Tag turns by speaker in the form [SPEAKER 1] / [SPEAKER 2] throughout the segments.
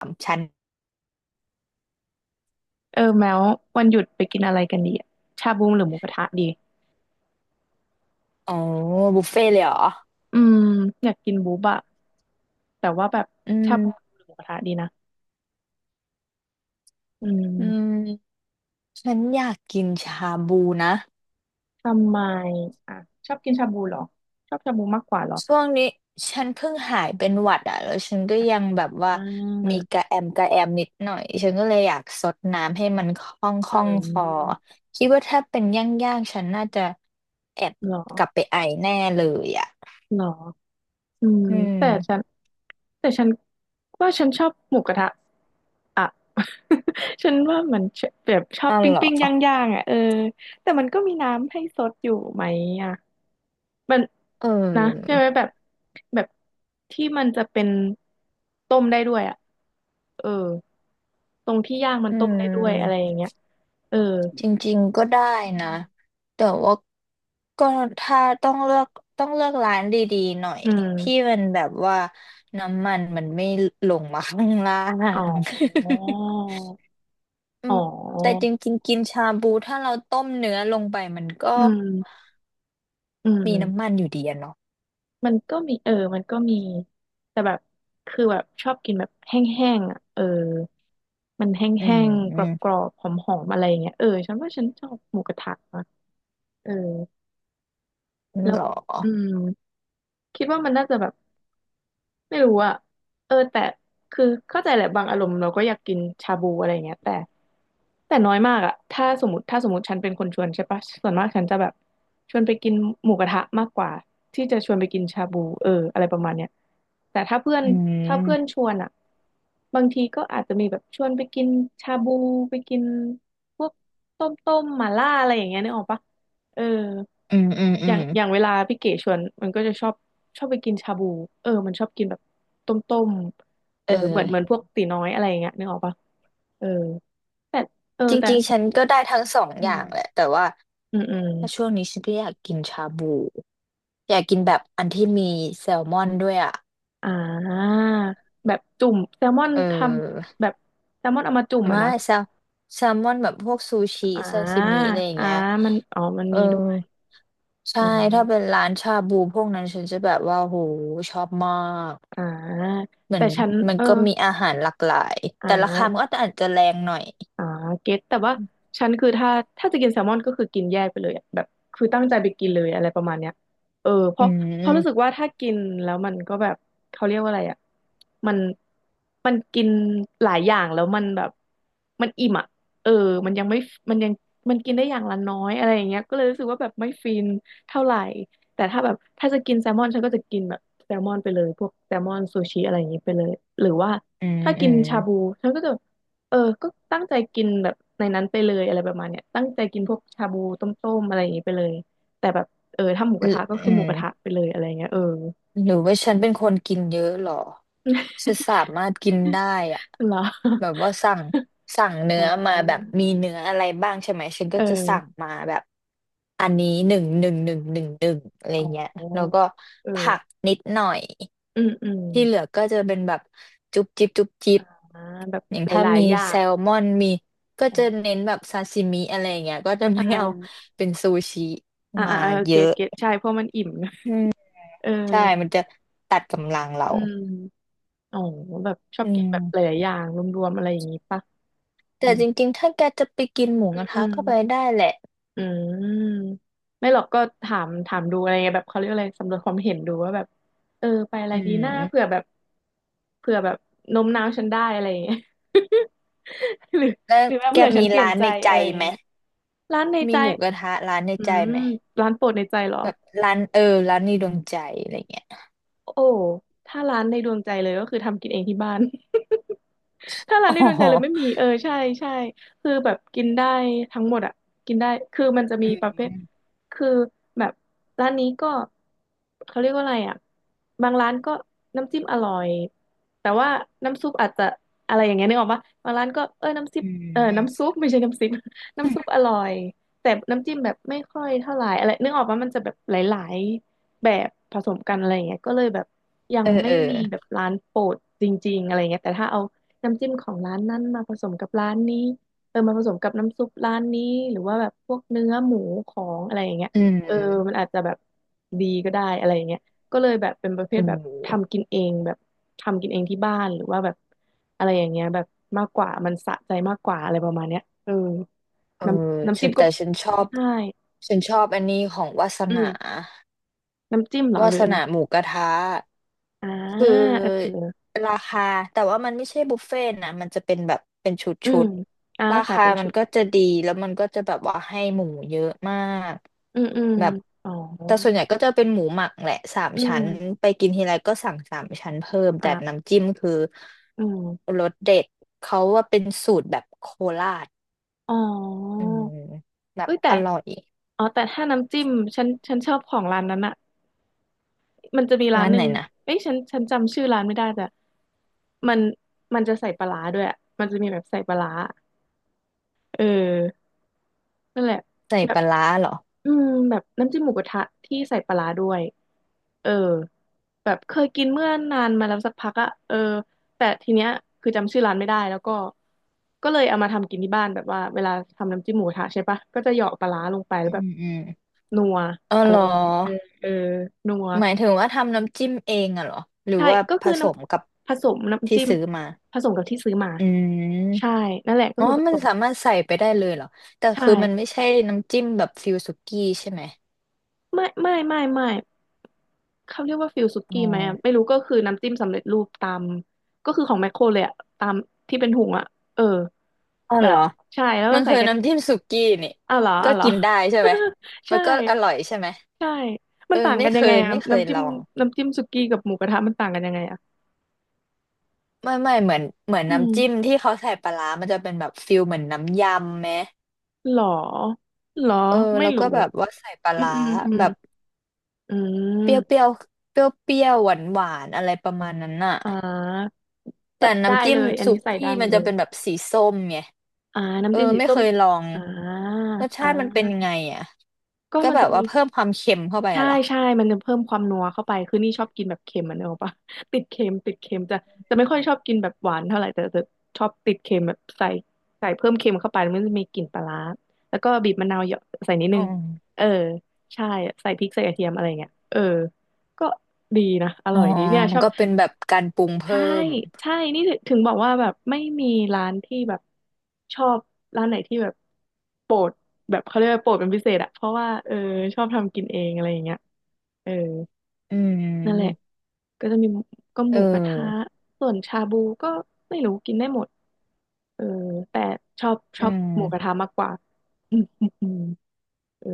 [SPEAKER 1] สามชั้น
[SPEAKER 2] เออแมววันหยุดไปกินอะไรกันดีอะชาบูหรือหมูกระทะดี
[SPEAKER 1] อ๋อบุฟเฟ่ต์เลยเหรอ
[SPEAKER 2] อืมอยากกินบูบอะแต่ว่าแบบ
[SPEAKER 1] อื
[SPEAKER 2] ชาบู
[SPEAKER 1] ม
[SPEAKER 2] หรือหมูกระทะดีนะอื
[SPEAKER 1] อื
[SPEAKER 2] ม
[SPEAKER 1] มฉันอยากกินชาบูนะ
[SPEAKER 2] ทำไมอ่ะชอบกินชาบูเหรอชอบชาบูมากกว่าเหรอ
[SPEAKER 1] ช่วงนี้ฉันเพิ่งหายเป็นหวัดอ่ะแล้วฉันก็ยังแบบว่า
[SPEAKER 2] อ่
[SPEAKER 1] มี
[SPEAKER 2] า
[SPEAKER 1] กระแอมนิดหน่อยฉันก็เลยอยากซดน้ำให้มันคล่องค
[SPEAKER 2] เอ
[SPEAKER 1] ล่องคอ
[SPEAKER 2] อ
[SPEAKER 1] คิดว่าถ้าเป็นย่างๆฉันน่าจะแอบ
[SPEAKER 2] เหรอ
[SPEAKER 1] กลับไปไอแน่เลยอ่ะ
[SPEAKER 2] เหรออืม
[SPEAKER 1] อื
[SPEAKER 2] แต่ฉัน
[SPEAKER 1] ม
[SPEAKER 2] แต่ฉันว่าฉันชอบหมูกระทะอ่ะ ฉันว่ามันแบบชอบ
[SPEAKER 1] นั่น
[SPEAKER 2] ปิ้ง
[SPEAKER 1] เหรอ
[SPEAKER 2] ปิ้งย่างย่างๆอ่ะเออแต่มันก็มีน้ำให้ซดอยู่ไหมอ่ะมัน
[SPEAKER 1] เอ
[SPEAKER 2] นะใช่
[SPEAKER 1] อ
[SPEAKER 2] ไหมแบบแบบที่มันจะเป็นต้มได้ด้วยอ่ะเออตรงที่ย่างมัน
[SPEAKER 1] อื
[SPEAKER 2] ต้มได้ด้วยอะไรอ
[SPEAKER 1] ม
[SPEAKER 2] ย่างเงี้ยเออ
[SPEAKER 1] จริงๆก็ได้
[SPEAKER 2] อื
[SPEAKER 1] นะ
[SPEAKER 2] ม
[SPEAKER 1] แต่ว่าก็ถ้าต้องเลือกร้านดีๆหน่อยที่
[SPEAKER 2] อ
[SPEAKER 1] มันแบบว่าน้ำมันมันไม่ลงมาข้างล่า
[SPEAKER 2] อ๋อ
[SPEAKER 1] ง อื
[SPEAKER 2] อ๋อ
[SPEAKER 1] มแต่จริงๆกินชาบูถ้าเราต้มเนื้อลงไปมันก็
[SPEAKER 2] อืมอื
[SPEAKER 1] มีน้ำมั
[SPEAKER 2] ม
[SPEAKER 1] นอยู่ดีอะเนาะ
[SPEAKER 2] มันก็มีเออมันก็มีแต่แบบคือแบบชอบกินแบบแห้งๆอ่ะเออมันแห
[SPEAKER 1] อื
[SPEAKER 2] ้
[SPEAKER 1] ม
[SPEAKER 2] งๆ
[SPEAKER 1] อื
[SPEAKER 2] ก
[SPEAKER 1] ม
[SPEAKER 2] รอบๆหอมๆอะไรอย่างเงี้ยเออฉันว่าฉันชอบหมูกระทะนะเออแล้
[SPEAKER 1] ห
[SPEAKER 2] ว
[SPEAKER 1] รอ
[SPEAKER 2] อืมคิดว่ามันน่าจะแบบ ไม่รู้อะเออแต่คือเข้าใจแหละบางอารมณ์เราก็อยากกินชาบูอะไรอย่างเงี้ยแต่น้อยมากอะถ้าสมมติฉันเป็นคนชวนใช่ปะส่วนมากฉันจะแบบชวนไปกินหมูกระทะมากกว่าที่จะชวนไปกินชาบูเอออะไรประมาณเนี้ยแต่
[SPEAKER 1] อื
[SPEAKER 2] ถ้าเพื่อน
[SPEAKER 1] ม
[SPEAKER 2] ชวนอะบางทีก็อาจจะมีแบบชวนไปกินชาบูไปกินพวกต้มต้มหม่าล่าอะไรอย่างเงี้ยนึกออกปะเออ
[SPEAKER 1] อืมอืมอืม
[SPEAKER 2] อย่างเวลาพี่เก๋ชวนมันก็จะชอบไปกินชาบูเออมันชอบกินแบบต้มต้ม
[SPEAKER 1] เอ
[SPEAKER 2] เอ
[SPEAKER 1] อ
[SPEAKER 2] อเหมือนพวกตีน้อยอะไรอย่างเงี้ยนึกออกปะเออแต่เออ
[SPEAKER 1] จ
[SPEAKER 2] แต่
[SPEAKER 1] ริงๆฉันก็ได้ทั้งสอง
[SPEAKER 2] อื
[SPEAKER 1] อย่า
[SPEAKER 2] ม
[SPEAKER 1] งแหละแต่ว่า
[SPEAKER 2] อืมอืม
[SPEAKER 1] ถ้าช่วงนี้ฉันก็อยากกินชาบูอยากกินแบบอันที่มีแซลมอนด้วยอ่ะ
[SPEAKER 2] อ่าแบบจุ่มแซลมอน
[SPEAKER 1] เอ
[SPEAKER 2] ท
[SPEAKER 1] อ
[SPEAKER 2] ำแบบแซลมอนเอามาจุ่มอ่ะ
[SPEAKER 1] ไม่
[SPEAKER 2] นะ
[SPEAKER 1] แซลแซลมอนแบบพวกซูชิ
[SPEAKER 2] อ่า
[SPEAKER 1] ซาซิมิอะไรอย่าง
[SPEAKER 2] อ่า
[SPEAKER 1] เงี้ย
[SPEAKER 2] มันอ๋อมัน
[SPEAKER 1] เอ
[SPEAKER 2] มี
[SPEAKER 1] อ
[SPEAKER 2] ด้วย
[SPEAKER 1] ใช่
[SPEAKER 2] อืม
[SPEAKER 1] ถ้าเป็นร้านชาบูพวกนั้นฉันจะแบบว่าโหชอบมาก
[SPEAKER 2] อ่า
[SPEAKER 1] เหมือ
[SPEAKER 2] แต่
[SPEAKER 1] น
[SPEAKER 2] ฉัน
[SPEAKER 1] มัน
[SPEAKER 2] เออ
[SPEAKER 1] ก็มีอาหารหลากหลาย
[SPEAKER 2] อ่
[SPEAKER 1] แต่ราคามัน
[SPEAKER 2] า
[SPEAKER 1] ก็อาจจะแรงหน่อย
[SPEAKER 2] อ่าเก็ตแต่ว่าฉันคือถ้าจะกินแซลมอนก็คือกินแยกไปเลยอะแบบคือตั้งใจไปกินเลยอะไรประมาณเนี้ยเออเพ
[SPEAKER 1] อื
[SPEAKER 2] ราะรู้สึก
[SPEAKER 1] ม
[SPEAKER 2] ว่าถ้ากินแล้วมันก็แบบเขาเรียกว่าอะไรอ่ะมันกินหลายอย่างแล้วมันแบบมันอิ่มอ่ะเออมันยังไม่มันยังมันกินได้อย่างละน้อยอะไรอย่างเงี้ยก็เลยรู้สึกว่าแบบไม่ฟินเท่าไหร่แต่ถ้าจะกินแซลมอนฉันก็จะกินแบบแซลมอนไปเลยพวกแซลมอนซูชิอะไรอย่างงี้ไปเลยหรือว่า
[SPEAKER 1] อืม
[SPEAKER 2] ถ้า
[SPEAKER 1] อื
[SPEAKER 2] กิน
[SPEAKER 1] ม
[SPEAKER 2] ชาบูฉันก็จะ เออก็ตั้งใจกินแบบในนั้นไปเลยอะไรประมาณเนี้ยตั้งใจกินพวกชาบูต้มๆอะไรอย่างงี้ไปเลยแต่แบบเออถ้าหมูก
[SPEAKER 1] อื
[SPEAKER 2] ระทะก็คือหมูกระทะ
[SPEAKER 1] ม
[SPEAKER 2] ไปเลยอะไรเงี้ยเออ
[SPEAKER 1] หรือว่าฉันเป็นคนกินเยอะเหรอ ฉันสามารถกินได้อะ
[SPEAKER 2] เหรอ
[SPEAKER 1] แบบว่าสั่งเนื้
[SPEAKER 2] อ่
[SPEAKER 1] อมาแบบ
[SPEAKER 2] า
[SPEAKER 1] มีเนื้ออะไรบ้างใช่ไหมฉัน
[SPEAKER 2] เ
[SPEAKER 1] ก็จะสั่ง
[SPEAKER 2] ออ
[SPEAKER 1] มาแบบอันนี้หนึ่งหนึ่งหนึ่งหนึ่งหนึ่งอะไร
[SPEAKER 2] อ๋
[SPEAKER 1] เงี้ย
[SPEAKER 2] อ
[SPEAKER 1] แล้วก็
[SPEAKER 2] เออ
[SPEAKER 1] ผักนิดหน่อย
[SPEAKER 2] อืมอืม
[SPEAKER 1] ที่เหลือก็จะเป็นแบบจุ๊บจิ๊บจุ๊บจิ๊บ
[SPEAKER 2] อ่าแบบ
[SPEAKER 1] อย่าง
[SPEAKER 2] ห
[SPEAKER 1] ถ้า
[SPEAKER 2] ลาย
[SPEAKER 1] มี
[SPEAKER 2] ๆอย่า
[SPEAKER 1] แซ
[SPEAKER 2] ง
[SPEAKER 1] ลมอนมีก็จะ
[SPEAKER 2] อ
[SPEAKER 1] เน้นแบบซาซิมิอะไรเงี้ยก็จะ
[SPEAKER 2] ่
[SPEAKER 1] ไม่เอา
[SPEAKER 2] า
[SPEAKER 1] เป็นซูชิ
[SPEAKER 2] อ่า
[SPEAKER 1] มา
[SPEAKER 2] อ่าอ่า
[SPEAKER 1] เย
[SPEAKER 2] เก็ต
[SPEAKER 1] อะ
[SPEAKER 2] เก็ตใช่เพราะมันอิ่ม เออ
[SPEAKER 1] ใช่มันจะตัดกำลังเรา
[SPEAKER 2] อืมอ๋อแบบชอ
[SPEAKER 1] อื
[SPEAKER 2] บกินแบบห
[SPEAKER 1] ม
[SPEAKER 2] ลายๆอย่างรวมๆอะไรอย่างงี้ปะอื
[SPEAKER 1] แต่
[SPEAKER 2] ม
[SPEAKER 1] จริงๆถ้าแกจะไปกินหมู
[SPEAKER 2] อื
[SPEAKER 1] ก
[SPEAKER 2] ม
[SPEAKER 1] ระ
[SPEAKER 2] อื
[SPEAKER 1] ทะ
[SPEAKER 2] ม
[SPEAKER 1] ก็ไปได้แหละ
[SPEAKER 2] อืมไม่หรอกก็ถามดูอะไรเงี้ยแบบเขาเรียกอะไรสำรวจความเห็นดูว่าแบบเออไปอะไร
[SPEAKER 1] อื
[SPEAKER 2] ดีหน้าเผื่อ
[SPEAKER 1] ม
[SPEAKER 2] แบบเผื่อแบบโน้มน้าวฉันได้อะไรอย่างเงี้ย หรือ
[SPEAKER 1] แล้ว
[SPEAKER 2] หรือว่า
[SPEAKER 1] แก
[SPEAKER 2] เผื่อฉั
[SPEAKER 1] มี
[SPEAKER 2] นเปลี่ย
[SPEAKER 1] ร้า
[SPEAKER 2] น
[SPEAKER 1] น
[SPEAKER 2] ใจ
[SPEAKER 1] ในใจ
[SPEAKER 2] อะไรอย่า
[SPEAKER 1] ไห
[SPEAKER 2] ง
[SPEAKER 1] ม
[SPEAKER 2] เงี้ยร้านใน
[SPEAKER 1] มี
[SPEAKER 2] ใจ
[SPEAKER 1] หมูกระทะร้านใน
[SPEAKER 2] อื
[SPEAKER 1] ใจ
[SPEAKER 2] ม
[SPEAKER 1] ไหม
[SPEAKER 2] ร้านโปรดในใจเหรอ
[SPEAKER 1] แบบร้านเออร้านในดวงใจอะไรเงี้ย
[SPEAKER 2] โอ้ถ้าร้านในดวงใจเลยก็คือทำกินเองที่บ้าน ถ้าร้า
[SPEAKER 1] อ๋
[SPEAKER 2] นในดวงใจเลยไม่
[SPEAKER 1] อ
[SPEAKER 2] มีเออใช่ใช่คือแบบกินได้ทั้งหมดอ่ะกินได้คือมันจะ
[SPEAKER 1] อื
[SPEAKER 2] มีประเภท
[SPEAKER 1] ม
[SPEAKER 2] คือแบบร้านนี้ก็เขาเรียกว่าอะไรอ่ะบางร้านก็น้ำจิ้มอร่อยแต่ว่าน้ำซุปอาจจะอะไรอย่างเงี้ยนึกออกปะบางร้านก็เออน้ำซุ
[SPEAKER 1] อื
[SPEAKER 2] ปเออน้ำซุ
[SPEAKER 1] ม
[SPEAKER 2] ปไม่ใช่น้ำซุป น้ำซุปอร่อยแต่น้ำจิ้มแบบไม่ค่อยเท่าไหร่อะไรนึกออกว่ามันจะแบบหลายๆแบบผสมกันอะไรอย่างเงี้ยก็เลยแบบยั
[SPEAKER 1] เอ
[SPEAKER 2] ง
[SPEAKER 1] อ
[SPEAKER 2] ไม่
[SPEAKER 1] เออ
[SPEAKER 2] มีแบบร้านโปรดจริงๆอะไรเงี้ยแต่ถ้าเอา น้ำจิ้มของร้านนั้นมาผสมกับร้านนี้เออมาผสมกับน้ำซุปร้านนี้ หรือว่าแบบพวกเนื้อหมูของอะไรอย่างเงี้ย
[SPEAKER 1] อื
[SPEAKER 2] เออมัน
[SPEAKER 1] ม
[SPEAKER 2] อาจจะแบบดีก็ได้อะไรอย่างเงี้ยก็เลยแบบเป็นประเภ
[SPEAKER 1] เอ
[SPEAKER 2] ทแบบ
[SPEAKER 1] อ
[SPEAKER 2] ทำกินเองแบบทำกินเองที่บ้านหรือว่าแบบอะไรอย่างเงี้ยแบบมากกว่ามันสะใจมากกว่าอะไรประมาณเนี้ยเออ
[SPEAKER 1] เออ
[SPEAKER 2] น้ำ
[SPEAKER 1] ฉั
[SPEAKER 2] จิ้
[SPEAKER 1] น
[SPEAKER 2] มก็
[SPEAKER 1] แต่ฉันชอบ
[SPEAKER 2] ใช่
[SPEAKER 1] ฉันชอบอันนี้ของวาส
[SPEAKER 2] อื
[SPEAKER 1] นา
[SPEAKER 2] มน้ำจิ้มเหรอ
[SPEAKER 1] วา
[SPEAKER 2] หรือ
[SPEAKER 1] ส
[SPEAKER 2] อะไร
[SPEAKER 1] นาหมูกระทะ
[SPEAKER 2] อ่า
[SPEAKER 1] คือ
[SPEAKER 2] เออเออ
[SPEAKER 1] ราคาแต่ว่ามันไม่ใช่บุฟเฟ่ต์นะมันจะเป็นแบบเป็นชุด
[SPEAKER 2] อื
[SPEAKER 1] ชุ
[SPEAKER 2] ม
[SPEAKER 1] ด
[SPEAKER 2] อ่า
[SPEAKER 1] รา
[SPEAKER 2] ขาย
[SPEAKER 1] คา
[SPEAKER 2] เป็น
[SPEAKER 1] มั
[SPEAKER 2] ชุ
[SPEAKER 1] น
[SPEAKER 2] ด
[SPEAKER 1] ก็จะดีแล้วมันก็จะแบบว่าให้หมูเยอะมาก
[SPEAKER 2] อืมอืม
[SPEAKER 1] แบบ
[SPEAKER 2] อ๋อ
[SPEAKER 1] แต่ส่วนใหญ่ก็จะเป็นหมูหมักแหละสาม
[SPEAKER 2] อื
[SPEAKER 1] ชั้น
[SPEAKER 2] ม
[SPEAKER 1] ไปกินทีไรก็สั่งสามชั้นเพิ่มแต่
[SPEAKER 2] อ่า
[SPEAKER 1] น้ำจิ้มคือ
[SPEAKER 2] อืม
[SPEAKER 1] รสเด็ดเขาว่าเป็นสูตรแบบโคราช
[SPEAKER 2] อ๋อ
[SPEAKER 1] อืมแบบ
[SPEAKER 2] เอ้ยแต่
[SPEAKER 1] อร่อย
[SPEAKER 2] อ๋อแต่ถ้าน้ำจิ้มฉันชอบของร้านนั้นอะมันจะมีร้าน
[SPEAKER 1] ร้าน
[SPEAKER 2] ห
[SPEAKER 1] ไห
[SPEAKER 2] นึ่
[SPEAKER 1] น
[SPEAKER 2] ง
[SPEAKER 1] นะ
[SPEAKER 2] เอ้ยฉันจำชื่อร้านไม่ได้แต่มันจะใส่ปลาร้าด้วยอะมันจะมีแบบใส่ปลาร้าเออนั่นแหละ
[SPEAKER 1] ใส่
[SPEAKER 2] แบ
[SPEAKER 1] ป
[SPEAKER 2] บ
[SPEAKER 1] ลาร้าเหรอ
[SPEAKER 2] อืมแบบน้ำจิ้มหมูกระทะที่ใส่ปลาร้าด้วยเออแบบเคยกินเมื่อนานมาแล้วสักพักอะเออแต่ทีเนี้ยคือจำชื่อร้านไม่ได้แล้วก็ก็เลยเอามาทำกินที่บ้านแบบว่าเวลาทำน้ำจิ้มหมูกระทะใช่ปะก็จะเหยาะปลาร้าลงไปแล้
[SPEAKER 1] อื
[SPEAKER 2] วแบบ
[SPEAKER 1] มอืม
[SPEAKER 2] นัว
[SPEAKER 1] อ๋อ
[SPEAKER 2] อะไร
[SPEAKER 1] เหรอ
[SPEAKER 2] ประมาณนี้เออเออนัว
[SPEAKER 1] หมายถึงว่าทำน้ำจิ้มเองอะเหรอหรือ
[SPEAKER 2] ใช่
[SPEAKER 1] ว่า
[SPEAKER 2] ก็
[SPEAKER 1] ผ
[SPEAKER 2] คือ
[SPEAKER 1] ส
[SPEAKER 2] น้
[SPEAKER 1] มกับ
[SPEAKER 2] ำผสมน้ำ
[SPEAKER 1] ที่
[SPEAKER 2] จิ้ม
[SPEAKER 1] ซื้อมา
[SPEAKER 2] ผสมกับที่ซื้อมา
[SPEAKER 1] อืม
[SPEAKER 2] ใช่นั่นแหละก็
[SPEAKER 1] อ๋อ
[SPEAKER 2] คือผ
[SPEAKER 1] มั
[SPEAKER 2] ส
[SPEAKER 1] น
[SPEAKER 2] ม
[SPEAKER 1] สามารถใส่ไปได้เลยเหรอแต่
[SPEAKER 2] ใช่
[SPEAKER 1] คือมันไม่ใช่น้ำจิ้มแบบฟิลสุกี้ใช่ไหม
[SPEAKER 2] ไม่ เขาเรียกว่าฟิลสุ
[SPEAKER 1] อ๋อ
[SPEAKER 2] กี้ไหมอะไม่รู้ก็คือน้ำจิ้มสำเร็จรูปตามก็คือของแมคโครเลยอะตามที่เป็นถุงอะเออ
[SPEAKER 1] อ๋อ
[SPEAKER 2] แบ
[SPEAKER 1] เหร
[SPEAKER 2] บ
[SPEAKER 1] อ
[SPEAKER 2] ใช่แล้ว
[SPEAKER 1] มั
[SPEAKER 2] ก็
[SPEAKER 1] น
[SPEAKER 2] ใส่
[SPEAKER 1] คือ
[SPEAKER 2] กระ
[SPEAKER 1] น้ำจิ้มสุกี้นี่
[SPEAKER 2] อ้าวเหรอ
[SPEAKER 1] ก็
[SPEAKER 2] อ้าวเหรอ
[SPEAKER 1] กินได้ใช่ไหม มั
[SPEAKER 2] ใช่
[SPEAKER 1] นก็อร่อยใช่ไหม
[SPEAKER 2] ใช่มั
[SPEAKER 1] เอ
[SPEAKER 2] น
[SPEAKER 1] อ
[SPEAKER 2] ต่างกันยังไงอะ
[SPEAKER 1] ไม่เคย
[SPEAKER 2] น้ำจิ้
[SPEAKER 1] ล
[SPEAKER 2] ม
[SPEAKER 1] อง
[SPEAKER 2] สุกี้กับหมูกระทะมันต่างกันยังไงอะ
[SPEAKER 1] ไม่เหมือนเหมือน
[SPEAKER 2] อื
[SPEAKER 1] น้ำจิ้ม
[SPEAKER 2] ม
[SPEAKER 1] ที่เขาใส่ปลาร้ามันจะเป็นแบบฟิลเหมือนน้ำยำไหม
[SPEAKER 2] หรอหรอ
[SPEAKER 1] เออ
[SPEAKER 2] ไม่
[SPEAKER 1] แล้วก็
[SPEAKER 2] รู้
[SPEAKER 1] แบบว่าใส่ปลา
[SPEAKER 2] อืม
[SPEAKER 1] ร้า
[SPEAKER 2] อืมอืม
[SPEAKER 1] แบบ
[SPEAKER 2] อื
[SPEAKER 1] เปรี้ยวเป
[SPEAKER 2] ม
[SPEAKER 1] รี้ยวเปรี้ยวเปรี้ยวหวานหวานๆ อะไรประมาณนั้นน่ะ
[SPEAKER 2] อ่า
[SPEAKER 1] แต่
[SPEAKER 2] ได้
[SPEAKER 1] น้ำจิ้
[SPEAKER 2] เล
[SPEAKER 1] ม
[SPEAKER 2] ยอัน
[SPEAKER 1] สุ
[SPEAKER 2] นี้ใส่
[SPEAKER 1] กี้
[SPEAKER 2] ได้หม
[SPEAKER 1] มัน
[SPEAKER 2] ดเล
[SPEAKER 1] จะ
[SPEAKER 2] ย
[SPEAKER 1] เป็นแบบสีส้มไง
[SPEAKER 2] อ่า
[SPEAKER 1] เอ
[SPEAKER 2] น้ำ
[SPEAKER 1] อ
[SPEAKER 2] จิ้มสี
[SPEAKER 1] ไม่
[SPEAKER 2] ส้
[SPEAKER 1] เค
[SPEAKER 2] ม
[SPEAKER 1] ยลอง
[SPEAKER 2] อ่า
[SPEAKER 1] รส
[SPEAKER 2] อ่
[SPEAKER 1] ชาติมันเป็น
[SPEAKER 2] า
[SPEAKER 1] ไงอ่ะ
[SPEAKER 2] ก็
[SPEAKER 1] ก็
[SPEAKER 2] มัน
[SPEAKER 1] แบ
[SPEAKER 2] จะ
[SPEAKER 1] บ
[SPEAKER 2] มี
[SPEAKER 1] ว่าเพิ่มความเค็มเข้าไป
[SPEAKER 2] ใช่
[SPEAKER 1] อะเหรอ
[SPEAKER 2] ใช่มันจะเพิ่มความนัวเข้าไปคือนี่ชอบกินแบบเค็มมันเนกอะปะ ติดเค็มติดเค็มจะไม่ค่อยชอบกินแบบหวานเท่าไหร่แต่จะชอบติดเค็มแบบใส่ใส่เพิ่มเค็มเข้าไปมันจะมีกลิ่นปลาร้าแล้วก็บีบมะนาวเหยาะใส่นิดนึ
[SPEAKER 1] อ๋อ
[SPEAKER 2] งเออ ใช่ใส่พริกใส่กระเทียมอะไรเงี้ยเออก็ดีนะอ
[SPEAKER 1] อ๋อ
[SPEAKER 2] ร่อยดีเนี่ยชอบ
[SPEAKER 1] ก็เป็นแบบการปรุง
[SPEAKER 2] ใช่
[SPEAKER 1] เพิ่ม
[SPEAKER 2] ใช่นี่ถึงบอกว่าแบบไม่มีร้านที่แบบชอบร้านไหนที่แบบโปรดแบบเขาเรียกว่าโปรดเป็นพิเศษอะเพราะว่าเออชอบทำกินเองอะไรอย่างเงี้ยเออ
[SPEAKER 1] อื
[SPEAKER 2] นั่นแหละ
[SPEAKER 1] ม
[SPEAKER 2] ก็จะมีก็ห
[SPEAKER 1] เอ
[SPEAKER 2] มูกระทะ
[SPEAKER 1] อ
[SPEAKER 2] ส่วนชาบูก็ไม่รู้กินได้หมดเออแต่ชอบช
[SPEAKER 1] อื
[SPEAKER 2] อบหมูกระ
[SPEAKER 1] ม
[SPEAKER 2] ทะมากกว่า อืมอืมอืมเออ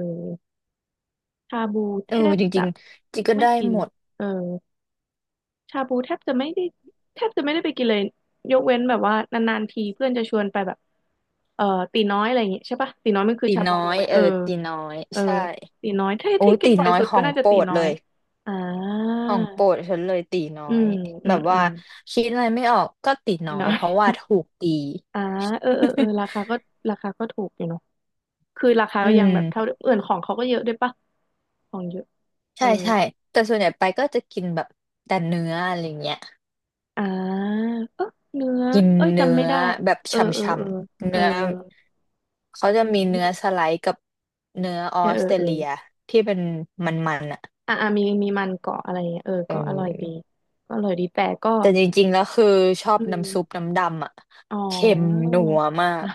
[SPEAKER 2] ชาบู
[SPEAKER 1] เอ
[SPEAKER 2] แท
[SPEAKER 1] อ
[SPEAKER 2] บ
[SPEAKER 1] จ
[SPEAKER 2] จะ
[SPEAKER 1] ริงๆจิก็
[SPEAKER 2] ไม่
[SPEAKER 1] ได้
[SPEAKER 2] กิน
[SPEAKER 1] หมด
[SPEAKER 2] เออ ชาบูแทบจะไม่ได้แทบจะไม่ได้ไปกินเลยยกเว้นแบบว่านานๆทีเพื่อนจะชวนไปแบบเอ่อตีน้อยอะไรอย่างเงี้ยใช่ปะตีน้อยมันคือ
[SPEAKER 1] ตี
[SPEAKER 2] ชาบู
[SPEAKER 1] น้อ
[SPEAKER 2] ถูก
[SPEAKER 1] ย
[SPEAKER 2] ไหม
[SPEAKER 1] เอ
[SPEAKER 2] เออ
[SPEAKER 1] อตีน้อย
[SPEAKER 2] เออ
[SPEAKER 1] ใช่
[SPEAKER 2] ตีน้อยถ้า
[SPEAKER 1] โอ้
[SPEAKER 2] ที่
[SPEAKER 1] ย
[SPEAKER 2] กิน
[SPEAKER 1] ตี
[SPEAKER 2] บ่อย
[SPEAKER 1] น้อย
[SPEAKER 2] สุด
[SPEAKER 1] ข
[SPEAKER 2] ก็
[SPEAKER 1] อง
[SPEAKER 2] น่าจะ
[SPEAKER 1] โปร
[SPEAKER 2] ตี
[SPEAKER 1] ด
[SPEAKER 2] น้อ
[SPEAKER 1] เล
[SPEAKER 2] ย
[SPEAKER 1] ย
[SPEAKER 2] อ่า
[SPEAKER 1] ของโปรดฉันเลยตีน้อ
[SPEAKER 2] อื
[SPEAKER 1] ย
[SPEAKER 2] มอื
[SPEAKER 1] แบ
[SPEAKER 2] ม
[SPEAKER 1] บ
[SPEAKER 2] อื
[SPEAKER 1] ว่า
[SPEAKER 2] ม
[SPEAKER 1] คิดอะไรไม่ออกก็ตี
[SPEAKER 2] ตี
[SPEAKER 1] น้อย
[SPEAKER 2] น้อ
[SPEAKER 1] เพราะ
[SPEAKER 2] ย
[SPEAKER 1] ว่าถูกตี
[SPEAKER 2] อ่าเออเออเออรา คาก็ราคาก็ถูกอยู่เนาะคือราคา
[SPEAKER 1] อื
[SPEAKER 2] ก็ยังแบบเท่า
[SPEAKER 1] ม
[SPEAKER 2] เดิมอื่นของเขาก็เยอะด้วยปะของเยอะเอ
[SPEAKER 1] ใช่
[SPEAKER 2] อ
[SPEAKER 1] ใช่แต่ส่วนใหญ่ไปก็จะกินแบบแต่เนื้ออะไรเงี้ย
[SPEAKER 2] อ่าเออเนื้อ
[SPEAKER 1] กิน
[SPEAKER 2] เอ้ย
[SPEAKER 1] เนื้
[SPEAKER 2] จำไม่
[SPEAKER 1] อ
[SPEAKER 2] ได้
[SPEAKER 1] แบบ
[SPEAKER 2] เอ
[SPEAKER 1] ฉ
[SPEAKER 2] อเออ
[SPEAKER 1] ่
[SPEAKER 2] เออ
[SPEAKER 1] ำๆ
[SPEAKER 2] เออ
[SPEAKER 1] เนื้อเขาจะ
[SPEAKER 2] อื
[SPEAKER 1] มีเนื้อส
[SPEAKER 2] ม
[SPEAKER 1] ไลด์กับเนื้ออ
[SPEAKER 2] เอ
[SPEAKER 1] อ
[SPEAKER 2] อเอ
[SPEAKER 1] ส
[SPEAKER 2] อ
[SPEAKER 1] เตร
[SPEAKER 2] เออ
[SPEAKER 1] เลียที่เป็นมันๆอ่ะ
[SPEAKER 2] อ่ะอ่ะมีมีมันเกาะอะไรเงี้ยเออ
[SPEAKER 1] เอ
[SPEAKER 2] ก็อร่อยดี
[SPEAKER 1] อ
[SPEAKER 2] ก็อร่อยดีแต่ก็
[SPEAKER 1] แต่จริงๆแล้วคือชอบ
[SPEAKER 2] อื
[SPEAKER 1] น้ำซุป
[SPEAKER 2] ม
[SPEAKER 1] น้ำดำอ่ะ
[SPEAKER 2] อ๋อ
[SPEAKER 1] เค็มนัวมาก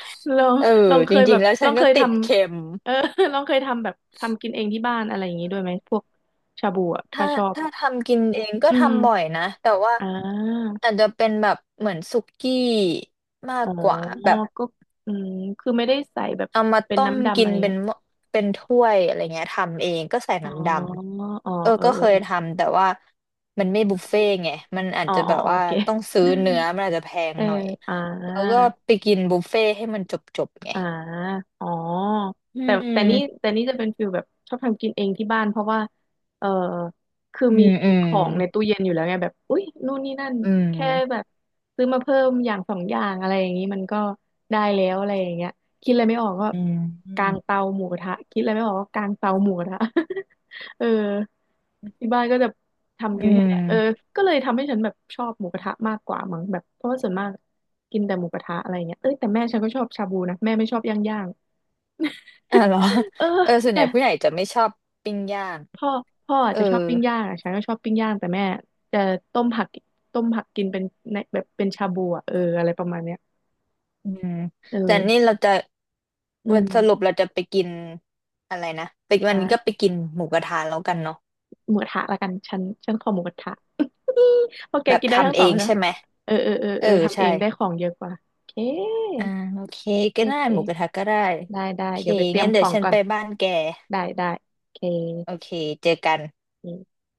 [SPEAKER 2] ลอง
[SPEAKER 1] เออ
[SPEAKER 2] ลองเค
[SPEAKER 1] จ
[SPEAKER 2] ยแบ
[SPEAKER 1] ริง
[SPEAKER 2] บ
[SPEAKER 1] ๆแล้ว
[SPEAKER 2] ล
[SPEAKER 1] ฉั
[SPEAKER 2] อ
[SPEAKER 1] น
[SPEAKER 2] งเค
[SPEAKER 1] ก็
[SPEAKER 2] ยท
[SPEAKER 1] ติดเค็ม
[SPEAKER 2] ำเออ ลองเคยทำแบบทำกินเองที่บ้านอะไรอย่างงี้ด้วยไหมพวกชาบูอ่ะถ้า
[SPEAKER 1] ถ้า
[SPEAKER 2] ชอบ
[SPEAKER 1] ถ้าทำกินเองก็
[SPEAKER 2] อื
[SPEAKER 1] ทำบ่อย
[SPEAKER 2] ม
[SPEAKER 1] นะแต่ว่า
[SPEAKER 2] อ่า
[SPEAKER 1] อาจจะเป็นแบบเหมือนสุกี้มาก
[SPEAKER 2] อ๋อ
[SPEAKER 1] กว่าแบบ
[SPEAKER 2] ก็อืมคือไม่ได้ใส่แบบ
[SPEAKER 1] เอามา
[SPEAKER 2] เป็น
[SPEAKER 1] ต้ม
[SPEAKER 2] น้ำดำ
[SPEAKER 1] กิ
[SPEAKER 2] อะ
[SPEAKER 1] น
[SPEAKER 2] ไร
[SPEAKER 1] เป็น
[SPEAKER 2] เงี้ย
[SPEAKER 1] หม้อเป็นถ้วยอะไรเงี้ยทำเองก็ใส่
[SPEAKER 2] อ๋อ
[SPEAKER 1] น้ำด
[SPEAKER 2] อ๋อ
[SPEAKER 1] ำเออ
[SPEAKER 2] เออ
[SPEAKER 1] ก็
[SPEAKER 2] เอ
[SPEAKER 1] เค
[SPEAKER 2] อ
[SPEAKER 1] ยทำแต่ว่ามันไม่บุฟเฟ่ต์ไงมันอาจ
[SPEAKER 2] เออ
[SPEAKER 1] จะแบ
[SPEAKER 2] อ๋อ
[SPEAKER 1] บ
[SPEAKER 2] อ๋อโอ
[SPEAKER 1] ว่า
[SPEAKER 2] เค
[SPEAKER 1] ต้องซื้อเนื้อมันอาจจะแพ ง
[SPEAKER 2] เออ
[SPEAKER 1] หน่อย
[SPEAKER 2] อ่า
[SPEAKER 1] แล้วก็ไปกินบุฟเฟ่ต์ให้มันจบไง
[SPEAKER 2] อ่าอ๋อ
[SPEAKER 1] อื
[SPEAKER 2] แต่แต่นี่
[SPEAKER 1] ม
[SPEAKER 2] แต่นี่จะเป็นฟิลแบบชอบทำกินเองที่บ้านเพราะว่าเออคือ
[SPEAKER 1] อื
[SPEAKER 2] มี
[SPEAKER 1] มอื
[SPEAKER 2] มีข
[SPEAKER 1] ม
[SPEAKER 2] องในตู้เย็นอยู่แล้วไงแบบอุ๊ยนู่นนี่นั่น
[SPEAKER 1] อื
[SPEAKER 2] แค่แบ
[SPEAKER 1] ม
[SPEAKER 2] บซื้อมาเพิ่มอย่างสองอย่างอะไรอย่างนี้มันก็ได้แล้วอะไรอย่างเงี้ยคิดอะไรไม่ออกก็
[SPEAKER 1] อ
[SPEAKER 2] กาง
[SPEAKER 1] ืม
[SPEAKER 2] เตาหมูกระทะคิดอะไรไม่ออกก็กางเตาหมูกระทะ เออที่บ้านก็จะ ทำ
[SPEAKER 1] อื
[SPEAKER 2] กินแค่เนี้ยเออ
[SPEAKER 1] ม
[SPEAKER 2] ก็เลยทำให้ฉันแบบชอบหมูกระทะมากกว่ามั้งแบบเพราะว่าส่วนมากกินแต่หมูกระทะอะไรเงี้ยเอ้ยแต่แม่ฉันก็ชอบชาบูนะแม่ไม่ชอบย่างย่าง
[SPEAKER 1] อ่ะเหรอ
[SPEAKER 2] เออ
[SPEAKER 1] เออส่วนให
[SPEAKER 2] แต่
[SPEAKER 1] ญ่ผู้ใหญ่จะไม่ชอบปิ้งย่าง
[SPEAKER 2] พ่อพ่ออา
[SPEAKER 1] เอ
[SPEAKER 2] จ
[SPEAKER 1] อ
[SPEAKER 2] จะชอบปิ้งย่างอะฉันก็ชอบปิ้งย่างแต่แม่จะต้มผักต้มผักกินเป็นในแบบเป็นชาบูอะเอออะไรประมาณเนี้ย
[SPEAKER 1] อืม
[SPEAKER 2] เอ
[SPEAKER 1] แต่นี่
[SPEAKER 2] อ
[SPEAKER 1] เราจะ
[SPEAKER 2] อื
[SPEAKER 1] วัน
[SPEAKER 2] ม
[SPEAKER 1] สรุปเราจะไปกินอะไรนะไปวันนี้ก็
[SPEAKER 2] อ่ะ
[SPEAKER 1] ไปกินหมูกระทะแล้วกันเนาะ
[SPEAKER 2] หมูกระทะละกันฉันขอหมูกระทะ อี้เพราะแก
[SPEAKER 1] แบบ
[SPEAKER 2] กินได้ทั้ง
[SPEAKER 1] ทำเอ
[SPEAKER 2] สอง
[SPEAKER 1] ง
[SPEAKER 2] นะ
[SPEAKER 1] ใช่ไหม
[SPEAKER 2] เออเออเออ
[SPEAKER 1] เอ
[SPEAKER 2] เอ
[SPEAKER 1] อ
[SPEAKER 2] อทำเอ
[SPEAKER 1] ใช่
[SPEAKER 2] งได้ของเยอะกว่าโอเค
[SPEAKER 1] อ่าโอเคก็
[SPEAKER 2] โอ
[SPEAKER 1] ได้
[SPEAKER 2] เค
[SPEAKER 1] หมูกระทะก็ได้
[SPEAKER 2] ได้ได้
[SPEAKER 1] โอเค
[SPEAKER 2] เดี๋ยวไปเตรีย
[SPEAKER 1] งั้
[SPEAKER 2] ม
[SPEAKER 1] น
[SPEAKER 2] ข
[SPEAKER 1] เดี๋ย
[SPEAKER 2] อ
[SPEAKER 1] ว
[SPEAKER 2] ง
[SPEAKER 1] ฉัน
[SPEAKER 2] ก่อ
[SPEAKER 1] ไป
[SPEAKER 2] น
[SPEAKER 1] บ้านแก
[SPEAKER 2] ได้ได้โอเค
[SPEAKER 1] โอเคเจอกัน